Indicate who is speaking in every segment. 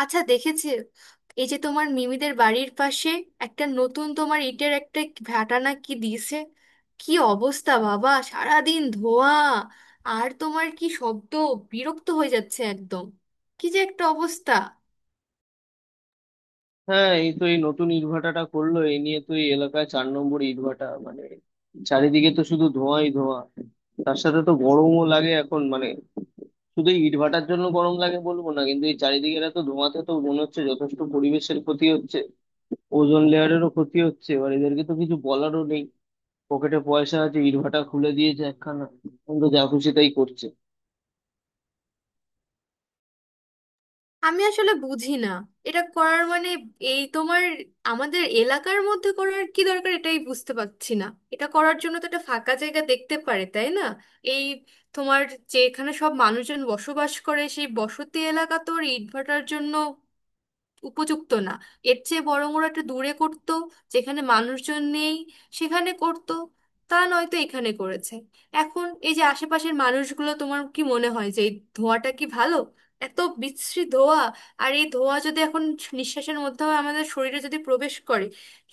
Speaker 1: আচ্ছা দেখেছি। এই যে তোমার মিমিদের বাড়ির পাশে একটা নতুন তোমার ইটের একটা ভাটা না কি দিয়েছে, কি অবস্থা বাবা, সারাদিন ধোয়া আর তোমার কি শব্দ! বিরক্ত হয়ে যাচ্ছে একদম, কি যে একটা অবস্থা।
Speaker 2: হ্যাঁ, এই তো এই নতুন ইটভাটাটা করলো। এই নিয়ে তো এই এলাকায় চার নম্বর ইটভাটা, মানে চারিদিকে তো শুধু ধোঁয়াই ধোঁয়া। তার সাথে তো গরমও লাগে এখন, মানে শুধু এই ইটভাটার জন্য গরম লাগে বলবো না, কিন্তু এই চারিদিকে এত ধোঁয়াতে তো মনে হচ্ছে যথেষ্ট পরিবেশের ক্ষতি হচ্ছে, ওজোন লেয়ারেরও ক্ষতি হচ্ছে। এবার এদেরকে তো কিছু বলারও নেই, পকেটে পয়সা আছে, ইটভাটা খুলে দিয়েছে একখানা, এখন তো যা খুশি তাই করছে।
Speaker 1: আমি আসলে বুঝি না এটা করার মানে, এই তোমার আমাদের এলাকার মধ্যে করার কি দরকার, এটাই বুঝতে পারছি না। এটা করার জন্য তো একটা ফাঁকা জায়গা দেখতে পারে, তাই না? এই তোমার যেখানে সব মানুষজন বসবাস করে সেই বসতি এলাকা তোর ইটভাটার জন্য উপযুক্ত না। এর চেয়ে বরং ওরা একটা দূরে করতো, যেখানে মানুষজন নেই সেখানে করতো। তা নয়তো এখানে করেছে। এখন এই যে আশেপাশের মানুষগুলো, তোমার কি মনে হয় যে এই ধোঁয়াটা কি ভালো? এত বিশ্রী ধোঁয়া! আর এই ধোঁয়া যদি এখন নিঃশ্বাসের মাধ্যমে আমাদের শরীরে যদি প্রবেশ করে,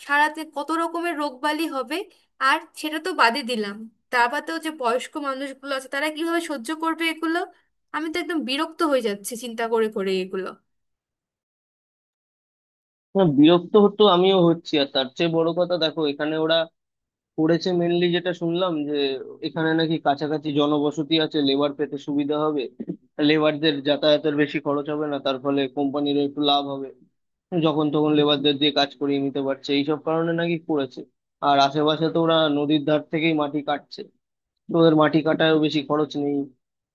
Speaker 1: সারাতে কত রকমের রোগবালি হবে। আর সেটা তো বাদই দিলাম, তার বাদেও যে বয়স্ক মানুষগুলো আছে তারা কিভাবে সহ্য করবে এগুলো। আমি তো একদম বিরক্ত হয়ে যাচ্ছি চিন্তা করে করে এগুলো।
Speaker 2: হ্যাঁ, বিরক্ত হতো আমিও হচ্ছি, আর তার চেয়ে বড় কথা দেখো, এখানে করেছে মেনলি, যেটা শুনলাম যে এখানে নাকি কাছাকাছি জনবসতি আছে, লেবার পেতে সুবিধা হবে, লেবারদের যাতায়াতের বেশি খরচ হবে না, তার ফলে কোম্পানিরও একটু লাভ হবে, যখন তখন লেবারদের দিয়ে কাজ করিয়ে নিতে পারছে, এইসব কারণে নাকি করেছে। আর আশেপাশে তো ওরা নদীর ধার থেকেই মাটি কাটছে, তো ওদের মাটি কাটায়ও বেশি খরচ নেই,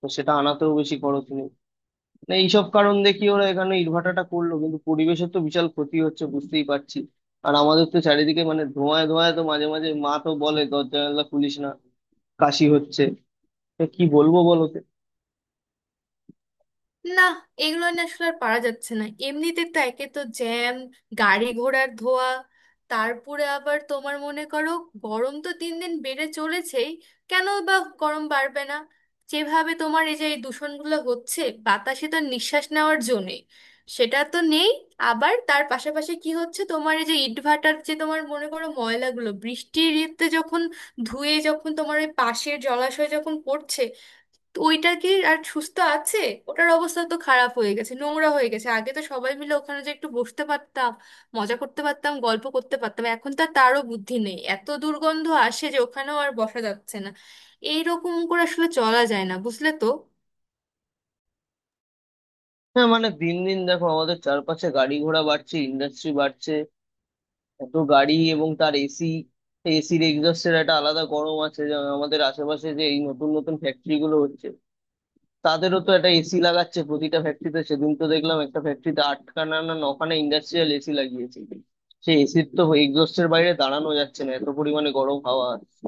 Speaker 2: তো সেটা আনাতেও বেশি খরচ নেই। না, এইসব কারণ দেখি ওরা এখানে ইটভাটাটা করলো, কিন্তু পরিবেশের তো বিশাল ক্ষতি হচ্ছে, বুঝতেই পারছি। আর আমাদের তো চারিদিকে মানে ধোঁয়ায় ধোঁয়ায় তো মাঝে মাঝে মা তো বলে দরজা জানলা খুলিস না, কাশি হচ্ছে। তা কি বলবো বলো তো?
Speaker 1: না এগুলো না আসলে আর পারা যাচ্ছে না। এমনিতে তো একে তো জ্যাম, গাড়ি ঘোড়ার ধোয়া, তারপরে আবার তোমার মনে করো গরম তো দিন দিন বেড়ে চলেছেই। কেন বা গরম বাড়বে না? যেভাবে তোমার এই যে এই দূষণগুলো হচ্ছে, বাতাসে তো নিঃশ্বাস নেওয়ার জন্যে সেটা তো নেই। আবার তার পাশাপাশি কি হচ্ছে, তোমার এই যে ইটভাটার যে তোমার মনে করো ময়লাগুলো বৃষ্টির ইতে যখন ধুয়ে যখন তোমার ওই পাশের জলাশয় যখন পড়ছে, তো ওইটা কি আর সুস্থ আছে? ওটার অবস্থা তো খারাপ হয়ে গেছে, নোংরা হয়ে গেছে। আগে তো সবাই মিলে ওখানে যে একটু বসতে পারতাম, মজা করতে পারতাম, গল্প করতে পারতাম, এখন তো আর তারও বুদ্ধি নেই, এত দুর্গন্ধ আসে যে ওখানেও আর বসা যাচ্ছে না। এইরকম করে আসলে চলা যায় না, বুঝলে তো?
Speaker 2: হ্যাঁ, মানে দিন দিন দেখো আমাদের চারপাশে গাড়ি ঘোড়া বাড়ছে, ইন্ডাস্ট্রি বাড়ছে, এত গাড়ি এবং তার এসি, এসির এক্সস্টের একটা আলাদা গরম আছে। যা আমাদের আশেপাশে যে এই নতুন নতুন ফ্যাক্টরি গুলো হচ্ছে, তাদেরও তো একটা এসি লাগাচ্ছে প্রতিটা ফ্যাক্টরিতে। সেদিন তো দেখলাম একটা ফ্যাক্টরিতে আটখানা না নখানা ইন্ডাস্ট্রিয়াল এসি লাগিয়েছে। সেই এসির তো এক্সস্টের বাইরে দাঁড়ানো যাচ্ছে না, এত পরিমাণে গরম হাওয়া আসছে।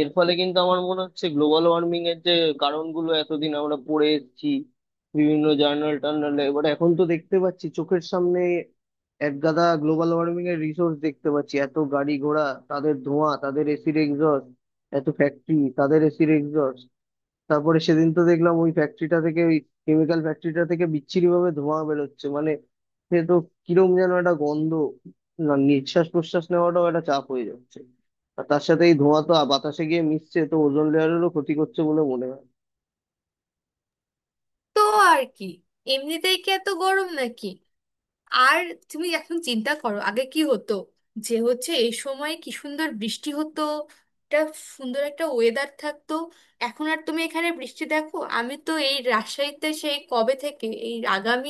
Speaker 2: এর ফলে কিন্তু আমার মনে হচ্ছে গ্লোবাল ওয়ার্মিং এর যে কারণগুলো এতদিন আমরা পড়ে এসেছি বিভিন্ন জার্নাল টার্নালে, এবার এখন তো দেখতে পাচ্ছি চোখের সামনে এক গাদা গ্লোবাল ওয়ার্মিং এর রিসোর্স দেখতে পাচ্ছি। এত গাড়ি ঘোড়া, তাদের ধোঁয়া, তাদের এসির এক্সস্ট, এত ফ্যাক্টরি, তাদের এসির এক্সস্ট। তারপরে সেদিন তো দেখলাম ওই ফ্যাক্টরিটা থেকে, ওই কেমিক্যাল ফ্যাক্টরিটা থেকে বিচ্ছিরি ভাবে ধোঁয়া বেরোচ্ছে, মানে সে তো কিরম যেন একটা গন্ধ, না নিঃশ্বাস প্রশ্বাস নেওয়াটাও একটা চাপ হয়ে যাচ্ছে। আর তার সাথে এই ধোঁয়া তো বাতাসে গিয়ে মিশছে, তো ওজোন লেয়ারেরও ক্ষতি করছে বলে মনে হয়।
Speaker 1: তো আর কি, এমনিতেই কি এত গরম নাকি? আর তুমি এখন চিন্তা করো আগে কি হতো যে হচ্ছে, এই সময় কি সুন্দর বৃষ্টি হতো, একটা সুন্দর একটা ওয়েদার থাকতো। এখন আর তুমি এখানে বৃষ্টি দেখো? আমি তো এই রাজশাহীতে সেই কবে থেকে, এই আগামী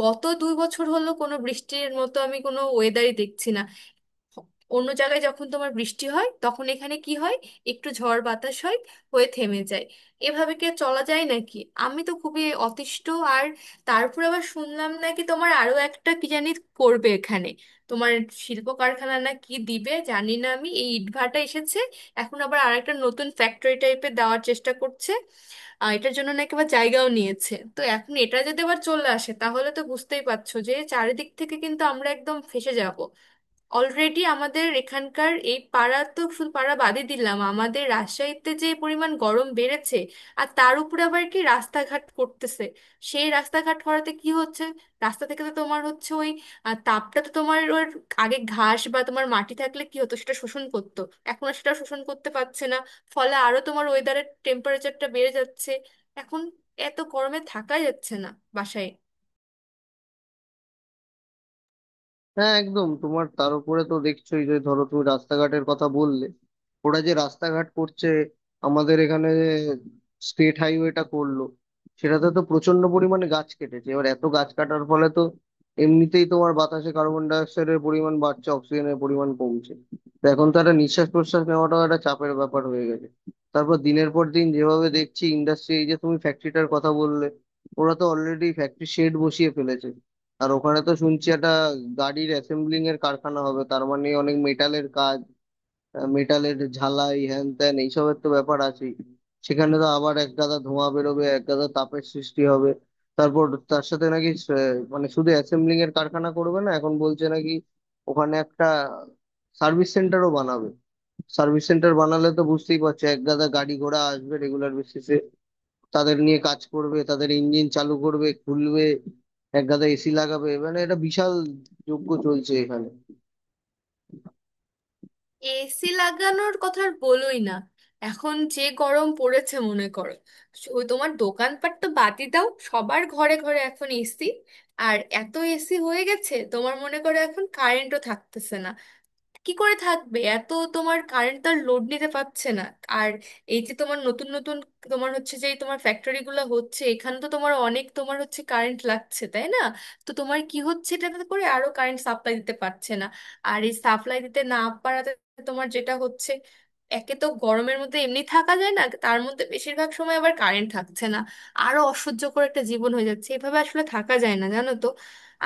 Speaker 1: গত 2 বছর হলো কোনো বৃষ্টির মতো আমি কোনো ওয়েদারই দেখছি না। অন্য জায়গায় যখন তোমার বৃষ্টি হয় তখন এখানে কি হয়? একটু ঝড় বাতাস হয়, হয়ে থেমে যায়। এভাবে কি আর চলা যায় নাকি? আমি তো খুবই অতিষ্ঠ। আর তারপর আবার শুনলাম নাকি তোমার আরো একটা কি জানি করবে এখানে, তোমার শিল্প কারখানা না কি দিবে জানি না। আমি, এই ইটভাটা এসেছে, এখন আবার আরেকটা নতুন ফ্যাক্টরি টাইপের দেওয়ার চেষ্টা করছে। এটার জন্য নাকি আবার জায়গাও নিয়েছে। তো এখন এটা যদি আবার চলে আসে তাহলে তো বুঝতেই পারছো যে চারিদিক থেকে কিন্তু আমরা একদম ফেঁসে যাব। অলরেডি আমাদের এখানকার এই পাড়া, তো শুধু পাড়া বাদই দিলাম, আমাদের রাজশাহীতে যে পরিমাণ গরম বেড়েছে! আর তার উপরে আবার কি রাস্তাঘাট করতেছে, সেই রাস্তাঘাট করাতে কি হচ্ছে, রাস্তা থেকে তো তোমার হচ্ছে ওই তাপটা তো তোমার ওর, আগে ঘাস বা তোমার মাটি থাকলে কি হতো সেটা শোষণ করতো, এখন আর সেটা শোষণ করতে পারছে না, ফলে আরো তোমার ওয়েদারের টেম্পারেচারটা বেড়ে যাচ্ছে। এখন এত গরমে থাকাই যাচ্ছে না বাসায়।
Speaker 2: হ্যাঁ, একদম, তোমার তার উপরে তো দেখছোই যে ধরো তুমি রাস্তাঘাটের কথা বললে, ওরা যে রাস্তাঘাট করছে আমাদের এখানে, স্টেট হাইওয়েটা করলো, সেটাতে তো প্রচন্ড পরিমাণে গাছ কেটেছে। এবার এত গাছ কাটার ফলে তো এমনিতেই তোমার বাতাসে কার্বন ডাই অক্সাইডের পরিমাণ বাড়ছে, অক্সিজেনের পরিমাণ কমছে, তো এখন তো একটা নিঃশ্বাস প্রশ্বাস নেওয়াটাও একটা চাপের ব্যাপার হয়ে গেছে। তারপর দিনের পর দিন যেভাবে দেখছি ইন্ডাস্ট্রি, এই যে তুমি ফ্যাক্টরিটার কথা বললে, ওরা তো অলরেডি ফ্যাক্টরি শেড বসিয়ে ফেলেছে। আর ওখানে তো শুনছি একটা গাড়ির অ্যাসেম্বলিং এর কারখানা হবে, তার মানে অনেক মেটালের কাজ, মেটালের ঝালাই হ্যান ত্যান এইসবের তো ব্যাপার আছে, সেখানে তো আবার এক গাদা ধোঁয়া বেরোবে, এক গাদা তাপের সৃষ্টি হবে। তারপর তার সাথে নাকি মানে শুধু অ্যাসেম্বলিং এর কারখানা করবে না, এখন বলছে নাকি ওখানে একটা সার্ভিস সেন্টারও বানাবে। সার্ভিস সেন্টার বানালে তো বুঝতেই পারছো এক গাদা গাড়ি ঘোড়া আসবে রেগুলার বেসিসে, তাদের নিয়ে কাজ করবে, তাদের ইঞ্জিন চালু করবে, খুলবে, এক গাদা এসি লাগাবে, মানে এটা বিশাল যজ্ঞ চলছে এখানে।
Speaker 1: এসি লাগানোর কথা আর বলোই না। এখন যে গরম পড়েছে মনে করো, ওই তোমার দোকানপাট তো বাদই দাও, সবার ঘরে ঘরে এখন এসি। আর এত এসি হয়ে গেছে তোমার মনে করো এখন কারেন্টও থাকতেছে না। কি করে থাকবে? এত তোমার কারেন্ট তার লোড নিতে পারছে না। আর এই যে তোমার নতুন নতুন তোমার হচ্ছে যে তোমার ফ্যাক্টরি গুলো হচ্ছে, এখানে তো তোমার অনেক তোমার হচ্ছে কারেন্ট লাগছে, তাই না? তো তোমার কি হচ্ছে, এটাতে করে আরো কারেন্ট সাপ্লাই দিতে পারছে না। আর এই সাপ্লাই দিতে না পারাতে তোমার যেটা হচ্ছে, একে তো গরমের মধ্যে এমনি থাকা যায় না, তার মধ্যে বেশিরভাগ সময় আবার কারেন্ট থাকছে না। আরো অসহ্যকর একটা জীবন হয়ে যাচ্ছে। এভাবে আসলে থাকা যায় না জানো তো।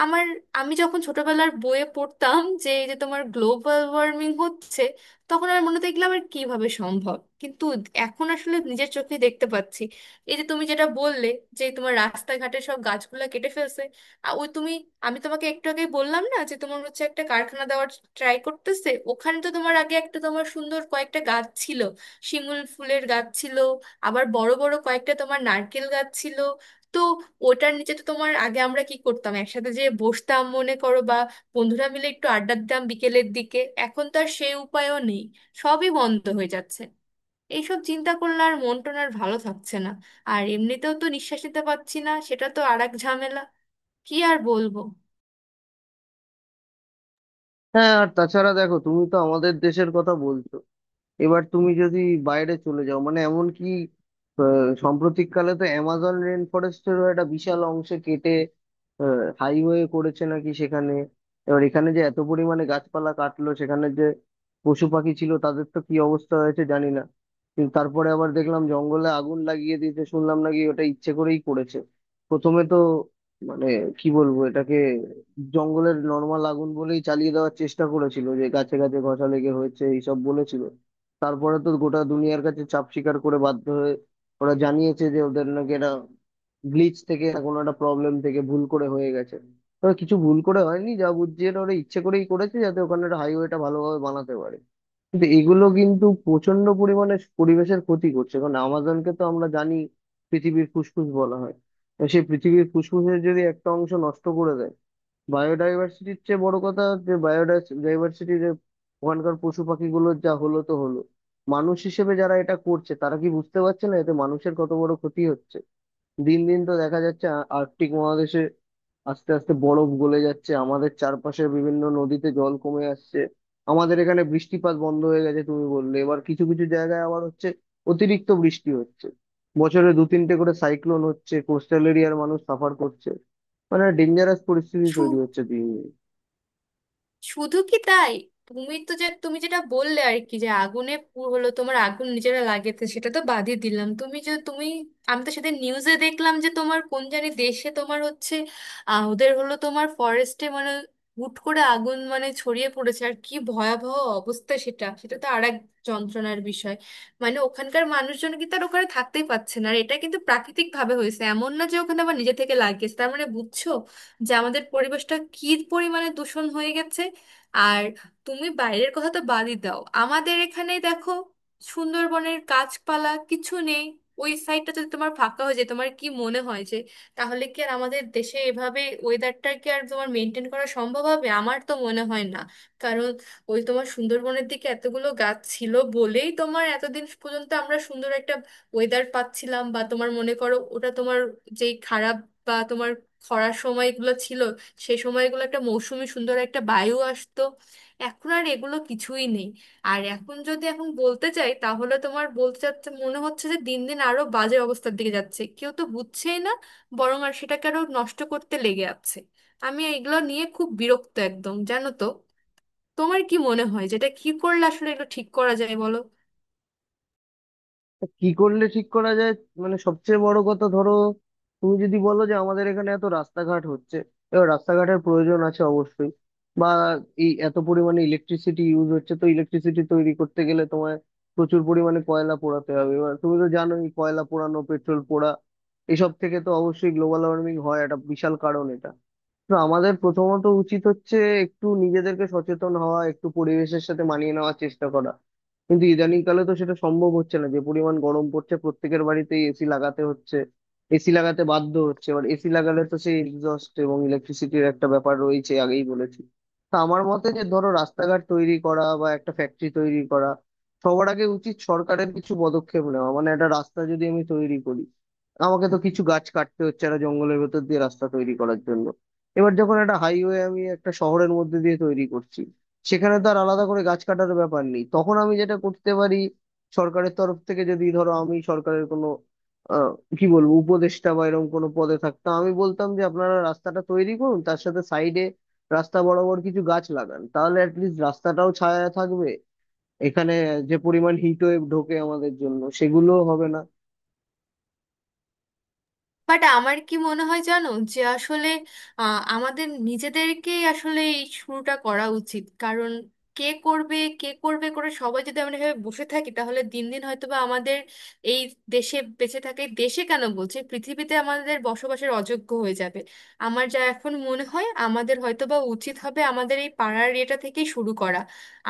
Speaker 1: আমার, আমি যখন ছোটবেলার বইয়ে পড়তাম যে এই যে তোমার গ্লোবাল ওয়ার্মিং হচ্ছে, তখন আমার মনে হতো এগুলো আবার কিভাবে সম্ভব, কিন্তু এখন আসলে নিজের চোখে দেখতে পাচ্ছি। এই যে তুমি যেটা বললে যে তোমার রাস্তাঘাটে সব গাছগুলা কেটে ফেলছে, আর ওই তুমি, আমি তোমাকে একটু আগে বললাম না যে তোমার হচ্ছে একটা কারখানা দেওয়ার ট্রাই করতেছে, ওখানে তো তোমার আগে একটা তোমার সুন্দর কয়েকটা গাছ ছিল, শিমুল ফুলের গাছ ছিল, আবার বড় বড় কয়েকটা তোমার নারকেল গাছ ছিল। তো ওটার নিচে তো তোমার আগে আমরা কি করতাম একসাথে, যে বসতাম মনে করো বা বন্ধুরা মিলে একটু আড্ডা দিতাম বিকেলের দিকে। এখন তো আর সেই উপায়ও নেই, সবই বন্ধ হয়ে যাচ্ছে। এইসব চিন্তা করলে আর মন টন আর ভালো থাকছে না। আর এমনিতেও তো নিঃশ্বাস নিতে পারছি না, সেটা তো আর এক ঝামেলা। কি আর বলবো।
Speaker 2: হ্যাঁ আর তাছাড়া দেখো, তুমি তো আমাদের দেশের কথা বলছো, এবার তুমি যদি বাইরে চলে যাও, মানে এমন কি আহ, সাম্প্রতিককালে তো অ্যামাজন রেন ফরেস্টেরও একটা বিশাল অংশ কেটে হাইওয়ে করেছে নাকি সেখানে। এবার এখানে যে এত পরিমাণে গাছপালা কাটলো, সেখানে যে পশু পাখি ছিল তাদের তো কি অবস্থা হয়েছে জানি না, কিন্তু তারপরে আবার দেখলাম জঙ্গলে আগুন লাগিয়ে দিয়েছে, শুনলাম নাকি ওটা ইচ্ছে করেই করেছে। প্রথমে তো মানে কি বলবো এটাকে, জঙ্গলের নর্মাল আগুন বলেই চালিয়ে দেওয়ার চেষ্টা করেছিল, যে গাছে গাছে ঘষা লেগে হয়েছে এইসব বলেছিল। তারপরে তো গোটা দুনিয়ার কাছে চাপ স্বীকার করে বাধ্য হয়ে ওরা জানিয়েছে যে ওদের নাকি এটা গ্লিচ থেকে না কোনো একটা প্রবলেম থেকে ভুল করে হয়ে গেছে। তবে কিছু ভুল করে হয়নি, যা বুঝছি এটা ওরা ইচ্ছে করেই করেছে, যাতে ওখানে একটা হাইওয়েটা ভালোভাবে বানাতে পারে। কিন্তু এগুলো কিন্তু প্রচন্ড পরিমাণে পরিবেশের ক্ষতি করছে, কারণ আমাজনকে তো আমরা জানি পৃথিবীর ফুসফুস বলা হয়। তো সেই পৃথিবীর ফুসফুসের যদি একটা অংশ নষ্ট করে দেয়, বায়োডাইভার্সিটির চেয়ে বড় কথা, যে বায়োডাইভার্সিটির ওখানকার পশু পাখিগুলো যা হলো তো হলো, মানুষ হিসেবে যারা এটা করছে তারা কি বুঝতে পারছে না এতে মানুষের কত বড় ক্ষতি হচ্ছে? দিন দিন তো দেখা যাচ্ছে আর্কটিক মহাদেশে আস্তে আস্তে বরফ গলে যাচ্ছে, আমাদের চারপাশের বিভিন্ন নদীতে জল কমে আসছে, আমাদের এখানে বৃষ্টিপাত বন্ধ হয়ে গেছে, তুমি বললে এবার কিছু কিছু জায়গায় আবার হচ্ছে অতিরিক্ত বৃষ্টি হচ্ছে, বছরে দু তিনটে করে সাইক্লোন হচ্ছে, কোস্টাল এরিয়ার মানুষ সাফার করছে, মানে ডেঞ্জারাস পরিস্থিতি তৈরি হচ্ছে দিন দিন।
Speaker 1: শুধু কি তাই? তুমি তো যে তুমি যেটা বললে আর কি, যে আগুনে হলো তোমার আগুন নিজেরা লাগিয়েছে, সেটা তো বাদই দিলাম। তুমি, আমি তো সেদিন নিউজে দেখলাম যে তোমার কোন জানি দেশে তোমার হচ্ছে ওদের হলো তোমার ফরেস্টে মানে হুট করে আগুন মানে ছড়িয়ে পড়েছে, আর কি ভয়াবহ অবস্থা! সেটা সেটা তো আর এক যন্ত্রণার বিষয়। মানে ওখানকার মানুষজন কিন্তু আর ওখানে থাকতেই পারছে না। আর এটা কিন্তু প্রাকৃতিক ভাবে হয়েছে, এমন না যে ওখানে আবার নিজে থেকে লাগিয়েছে। তার মানে বুঝছো যে আমাদের পরিবেশটা কি পরিমাণে দূষণ হয়ে গেছে। আর তুমি বাইরের কথা তো বাদই দাও, আমাদের এখানে দেখো সুন্দরবনের গাছপালা কিছু নেই। ওই সাইডটা যদি তোমার ফাঁকা হয়ে যায়, তোমার কি মনে হয় যে তাহলে কি আর আমাদের দেশে এভাবে ওয়েদারটা কি আর তোমার মেনটেন করা সম্ভব হবে? আমার তো মনে হয় না। কারণ ওই তোমার সুন্দরবনের দিকে এতগুলো গাছ ছিল বলেই তোমার এতদিন পর্যন্ত আমরা সুন্দর একটা ওয়েদার পাচ্ছিলাম, বা তোমার মনে করো ওটা তোমার যেই খারাপ বা তোমার খরার সময়গুলো ছিল, সে সময়গুলো একটা মৌসুমি সুন্দর একটা বায়ু আসতো। এখন আর এগুলো কিছুই নেই। আর এখন যদি এখন বলতে চাই, তাহলে তোমার বলতে চাচ্ছে মনে হচ্ছে যে দিন দিন আরো বাজে অবস্থার দিকে যাচ্ছে, কেউ তো বুঝছেই না, বরং আর সেটাকে আরো নষ্ট করতে লেগে আছে। আমি এগুলো নিয়ে খুব বিরক্ত একদম, জানো তো। তোমার কি মনে হয়, যেটা কি করলে আসলে এগুলো ঠিক করা যায় বলো?
Speaker 2: তা কি করলে ঠিক করা যায়, মানে সবচেয়ে বড় কথা ধরো, তুমি যদি বলো যে আমাদের এখানে এত রাস্তাঘাট হচ্ছে, এবার রাস্তাঘাটের প্রয়োজন আছে অবশ্যই, বা এই এত পরিমাণে ইলেকট্রিসিটি ইউজ হচ্ছে, তো ইলেকট্রিসিটি তৈরি করতে গেলে তোমায় প্রচুর পরিমাণে কয়লা পোড়াতে হবে। এবার তুমি তো জানোই কয়লা পোড়ানো, পেট্রোল পোড়া, এসব থেকে তো অবশ্যই গ্লোবাল ওয়ার্মিং হয়, একটা বিশাল কারণ এটা। তো আমাদের প্রথমত উচিত হচ্ছে একটু নিজেদেরকে সচেতন হওয়া, একটু পরিবেশের সাথে মানিয়ে নেওয়ার চেষ্টা করা, কিন্তু ইদানিং কালে তো সেটা সম্ভব হচ্ছে না, যে পরিমাণ গরম পড়ছে প্রত্যেকের বাড়িতেই এসি লাগাতে হচ্ছে, এসি লাগাতে বাধ্য হচ্ছে। এবার এসি লাগালে তো সেই এক্সস্ট এবং ইলেকট্রিসিটির একটা ব্যাপার রয়েছে, আগেই বলেছি। তা আমার মতে যে ধরো রাস্তাঘাট তৈরি করা বা একটা ফ্যাক্টরি তৈরি করা, সবার আগে উচিত সরকারের কিছু পদক্ষেপ নেওয়া। মানে একটা রাস্তা যদি আমি তৈরি করি, আমাকে তো কিছু গাছ কাটতে হচ্ছে একটা জঙ্গলের ভেতর দিয়ে রাস্তা তৈরি করার জন্য। এবার যখন একটা হাইওয়ে আমি একটা শহরের মধ্যে দিয়ে তৈরি করছি, সেখানে তো আর আলাদা করে গাছ কাটার ব্যাপার নেই, তখন আমি যেটা করতে পারি, সরকারের তরফ থেকে যদি ধরো আমি সরকারের কোনো আহ, কি বলবো উপদেষ্টা বা এরকম কোনো পদে থাকতাম, আমি বলতাম যে আপনারা রাস্তাটা তৈরি করুন, তার সাথে সাইডে রাস্তা বরাবর কিছু গাছ লাগান, তাহলে অ্যাটলিস্ট রাস্তাটাও ছায়া থাকবে, এখানে যে পরিমাণ হিট ওয়েভ ঢোকে আমাদের জন্য সেগুলো হবে না।
Speaker 1: বাট আমার কি মনে হয় জানো, যে আসলে আমাদের নিজেদেরকেই আসলে এই শুরুটা করা উচিত। কারণ কে করবে কে করবে করে সবাই যদি আমরা এভাবে বসে থাকি, তাহলে দিন দিন হয়তোবা আমাদের এই দেশে বেঁচে থাকে, দেশে কেন বলছে, পৃথিবীতে আমাদের বসবাসের অযোগ্য হয়ে যাবে। আমার যা এখন মনে হয়, আমাদের হয়তোবা উচিত হবে আমাদের এই পাড়ার এটা থেকেই শুরু করা।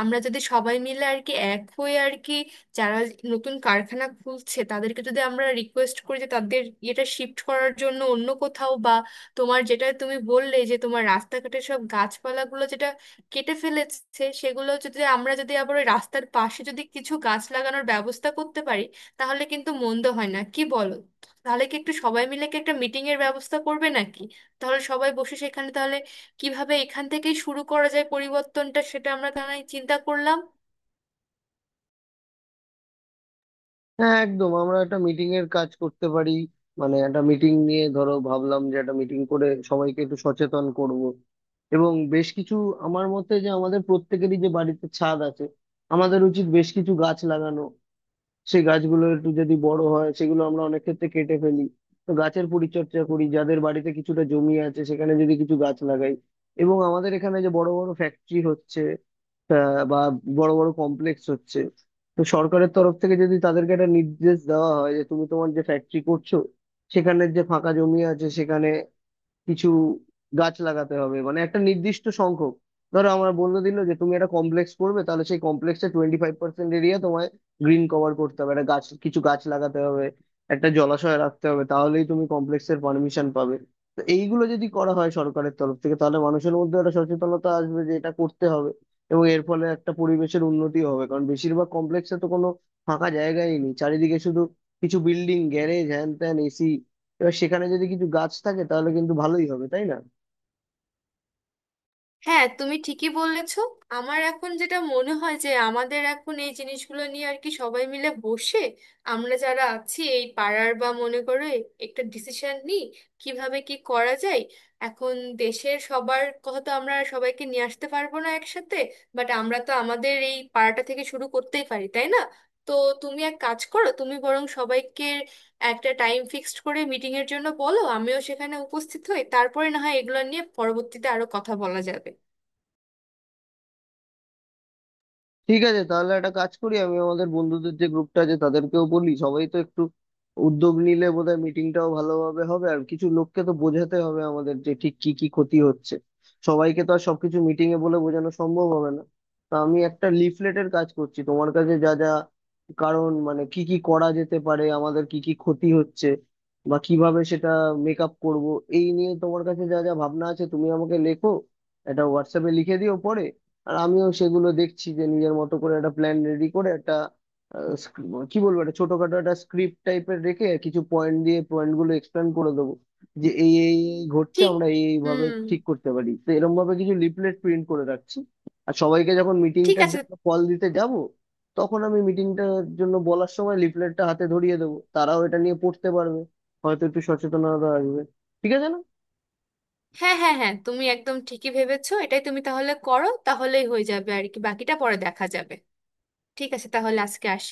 Speaker 1: আমরা যদি সবাই মিলে আর কি এক হয়ে আর কি, যারা নতুন কারখানা খুলছে তাদেরকে যদি আমরা রিকোয়েস্ট করি যে তাদের এটা শিফট করার জন্য অন্য কোথাও, বা তোমার যেটা তুমি বললে যে তোমার রাস্তাঘাটের সব গাছপালাগুলো যেটা কেটে ফেলেছে, সেগুলো যদি আমরা যদি আবার ওই রাস্তার পাশে যদি কিছু গাছ লাগানোর ব্যবস্থা করতে পারি, তাহলে কিন্তু মন্দ হয় না, কি বলো? তাহলে কি একটু সবাই মিলে কি একটা মিটিং এর ব্যবস্থা করবে নাকি? তাহলে সবাই বসে সেখানে, তাহলে কিভাবে এখান থেকেই শুরু করা যায় পরিবর্তনটা, সেটা আমরা তাহলে চিন্তা করলাম।
Speaker 2: হ্যাঁ একদম, আমরা একটা মিটিং এর কাজ করতে পারি, মানে একটা মিটিং নিয়ে ধরো ভাবলাম যে একটা মিটিং করে সবাইকে একটু সচেতন করব এবং বেশ কিছু, আমার মতে যে আমাদের প্রত্যেকেরই যে বাড়িতে ছাদ আছে, আমাদের উচিত বেশ কিছু গাছ লাগানো। সেই গাছগুলো একটু যদি বড় হয় সেগুলো আমরা অনেক ক্ষেত্রে কেটে ফেলি, তো গাছের পরিচর্যা করি, যাদের বাড়িতে কিছুটা জমি আছে সেখানে যদি কিছু গাছ লাগাই। এবং আমাদের এখানে যে বড় বড় ফ্যাক্টরি হচ্ছে, বা বড় বড় কমপ্লেক্স হচ্ছে, তো সরকারের তরফ থেকে যদি তাদেরকে একটা নির্দেশ দেওয়া হয় যে তুমি তোমার যে ফ্যাক্টরি করছো, সেখানের যে ফাঁকা জমি আছে সেখানে কিছু গাছ লাগাতে হবে, মানে একটা নির্দিষ্ট সংখ্যক। ধরো আমার বলে দিল যে তুমি একটা কমপ্লেক্স করবে, তাহলে সেই কমপ্লেক্সে 25% এরিয়া তোমায় গ্রিন কভার করতে হবে, একটা গাছ কিছু গাছ লাগাতে হবে, একটা জলাশয় রাখতে হবে, তাহলেই তুমি কমপ্লেক্সের পারমিশন পাবে। তো এইগুলো যদি করা হয় সরকারের তরফ থেকে, তাহলে মানুষের মধ্যে একটা সচেতনতা আসবে যে এটা করতে হবে, এবং এর ফলে একটা পরিবেশের উন্নতি হবে। কারণ বেশিরভাগ কমপ্লেক্সে তো কোনো ফাঁকা জায়গাই নেই, চারিদিকে শুধু কিছু বিল্ডিং, গ্যারেজ, হ্যান ত্যান, এসি। এবার সেখানে যদি কিছু গাছ থাকে তাহলে কিন্তু ভালোই হবে তাই না?
Speaker 1: হ্যাঁ, তুমি ঠিকই বলেছ। আমার এখন যেটা মনে হয় যে আমাদের এখন এই জিনিসগুলো নিয়ে আর কি সবাই মিলে বসে, আমরা যারা আছি এই পাড়ার বা মনে করে, একটা ডিসিশন নিই কিভাবে কি করা যায়। এখন দেশের সবার কথা তো আমরা সবাইকে নিয়ে আসতে পারবো না একসাথে, বাট আমরা তো আমাদের এই পাড়াটা থেকে শুরু করতেই পারি, তাই না? তো তুমি এক কাজ করো, তুমি বরং সবাইকে একটা টাইম ফিক্সড করে মিটিং এর জন্য বলো, আমিও সেখানে উপস্থিত হই, তারপরে না হয় এগুলো নিয়ে পরবর্তীতে আরো কথা বলা যাবে।
Speaker 2: ঠিক আছে, তাহলে একটা কাজ করি, আমি আমাদের বন্ধুদের যে গ্রুপটা আছে তাদেরকেও বলি, সবাই তো একটু উদ্যোগ নিলে বোধহয় মিটিংটাও ভালোভাবে হবে, আর কিছু লোককে তো বোঝাতে হবে আমাদের যে ঠিক কি কি ক্ষতি হচ্ছে, সবাইকে তো আর সবকিছু মিটিং এ বলে বোঝানো সম্ভব হবে না। তা আমি একটা লিফলেটের কাজ করছি, তোমার কাছে যা যা কারণ মানে কি কি করা যেতে পারে, আমাদের কি কি ক্ষতি হচ্ছে, বা কিভাবে সেটা মেকআপ করব, এই নিয়ে তোমার কাছে যা যা ভাবনা আছে তুমি আমাকে লেখো, এটা হোয়াটসঅ্যাপে লিখে দিও পরে। আর আমিও সেগুলো দেখছি, যে নিজের মতো করে একটা প্ল্যান রেডি করে একটা কি বলবো, একটা ছোটখাটো একটা স্ক্রিপ্ট টাইপের রেখে কিছু পয়েন্ট দিয়ে পয়েন্ট গুলো এক্সপ্লেন করে দেবো যে এই এই এই ঘটছে,
Speaker 1: ঠিক।
Speaker 2: আমরা এই এই ভাবে
Speaker 1: হুম।
Speaker 2: ঠিক করতে পারি, তো এরকম ভাবে কিছু লিফলেট প্রিন্ট করে রাখছি। আর সবাইকে যখন
Speaker 1: ঠিক
Speaker 2: মিটিংটার
Speaker 1: আছে।
Speaker 2: জন্য কল দিতে যাব, তখন আমি মিটিংটার জন্য বলার সময় লিফলেটটা হাতে ধরিয়ে দেবো, তারাও এটা নিয়ে পড়তে পারবে, হয়তো একটু সচেতনতা আসবে। ঠিক আছে না?
Speaker 1: হ্যাঁ, হ্যাঁ, হ্যাঁ, তুমি একদম ঠিকই ভেবেছো, এটাই তুমি তাহলে করো, তাহলেই হয়ে যাবে আর কি, বাকিটা পরে দেখা যাবে। ঠিক আছে, তাহলে আজকে আসি।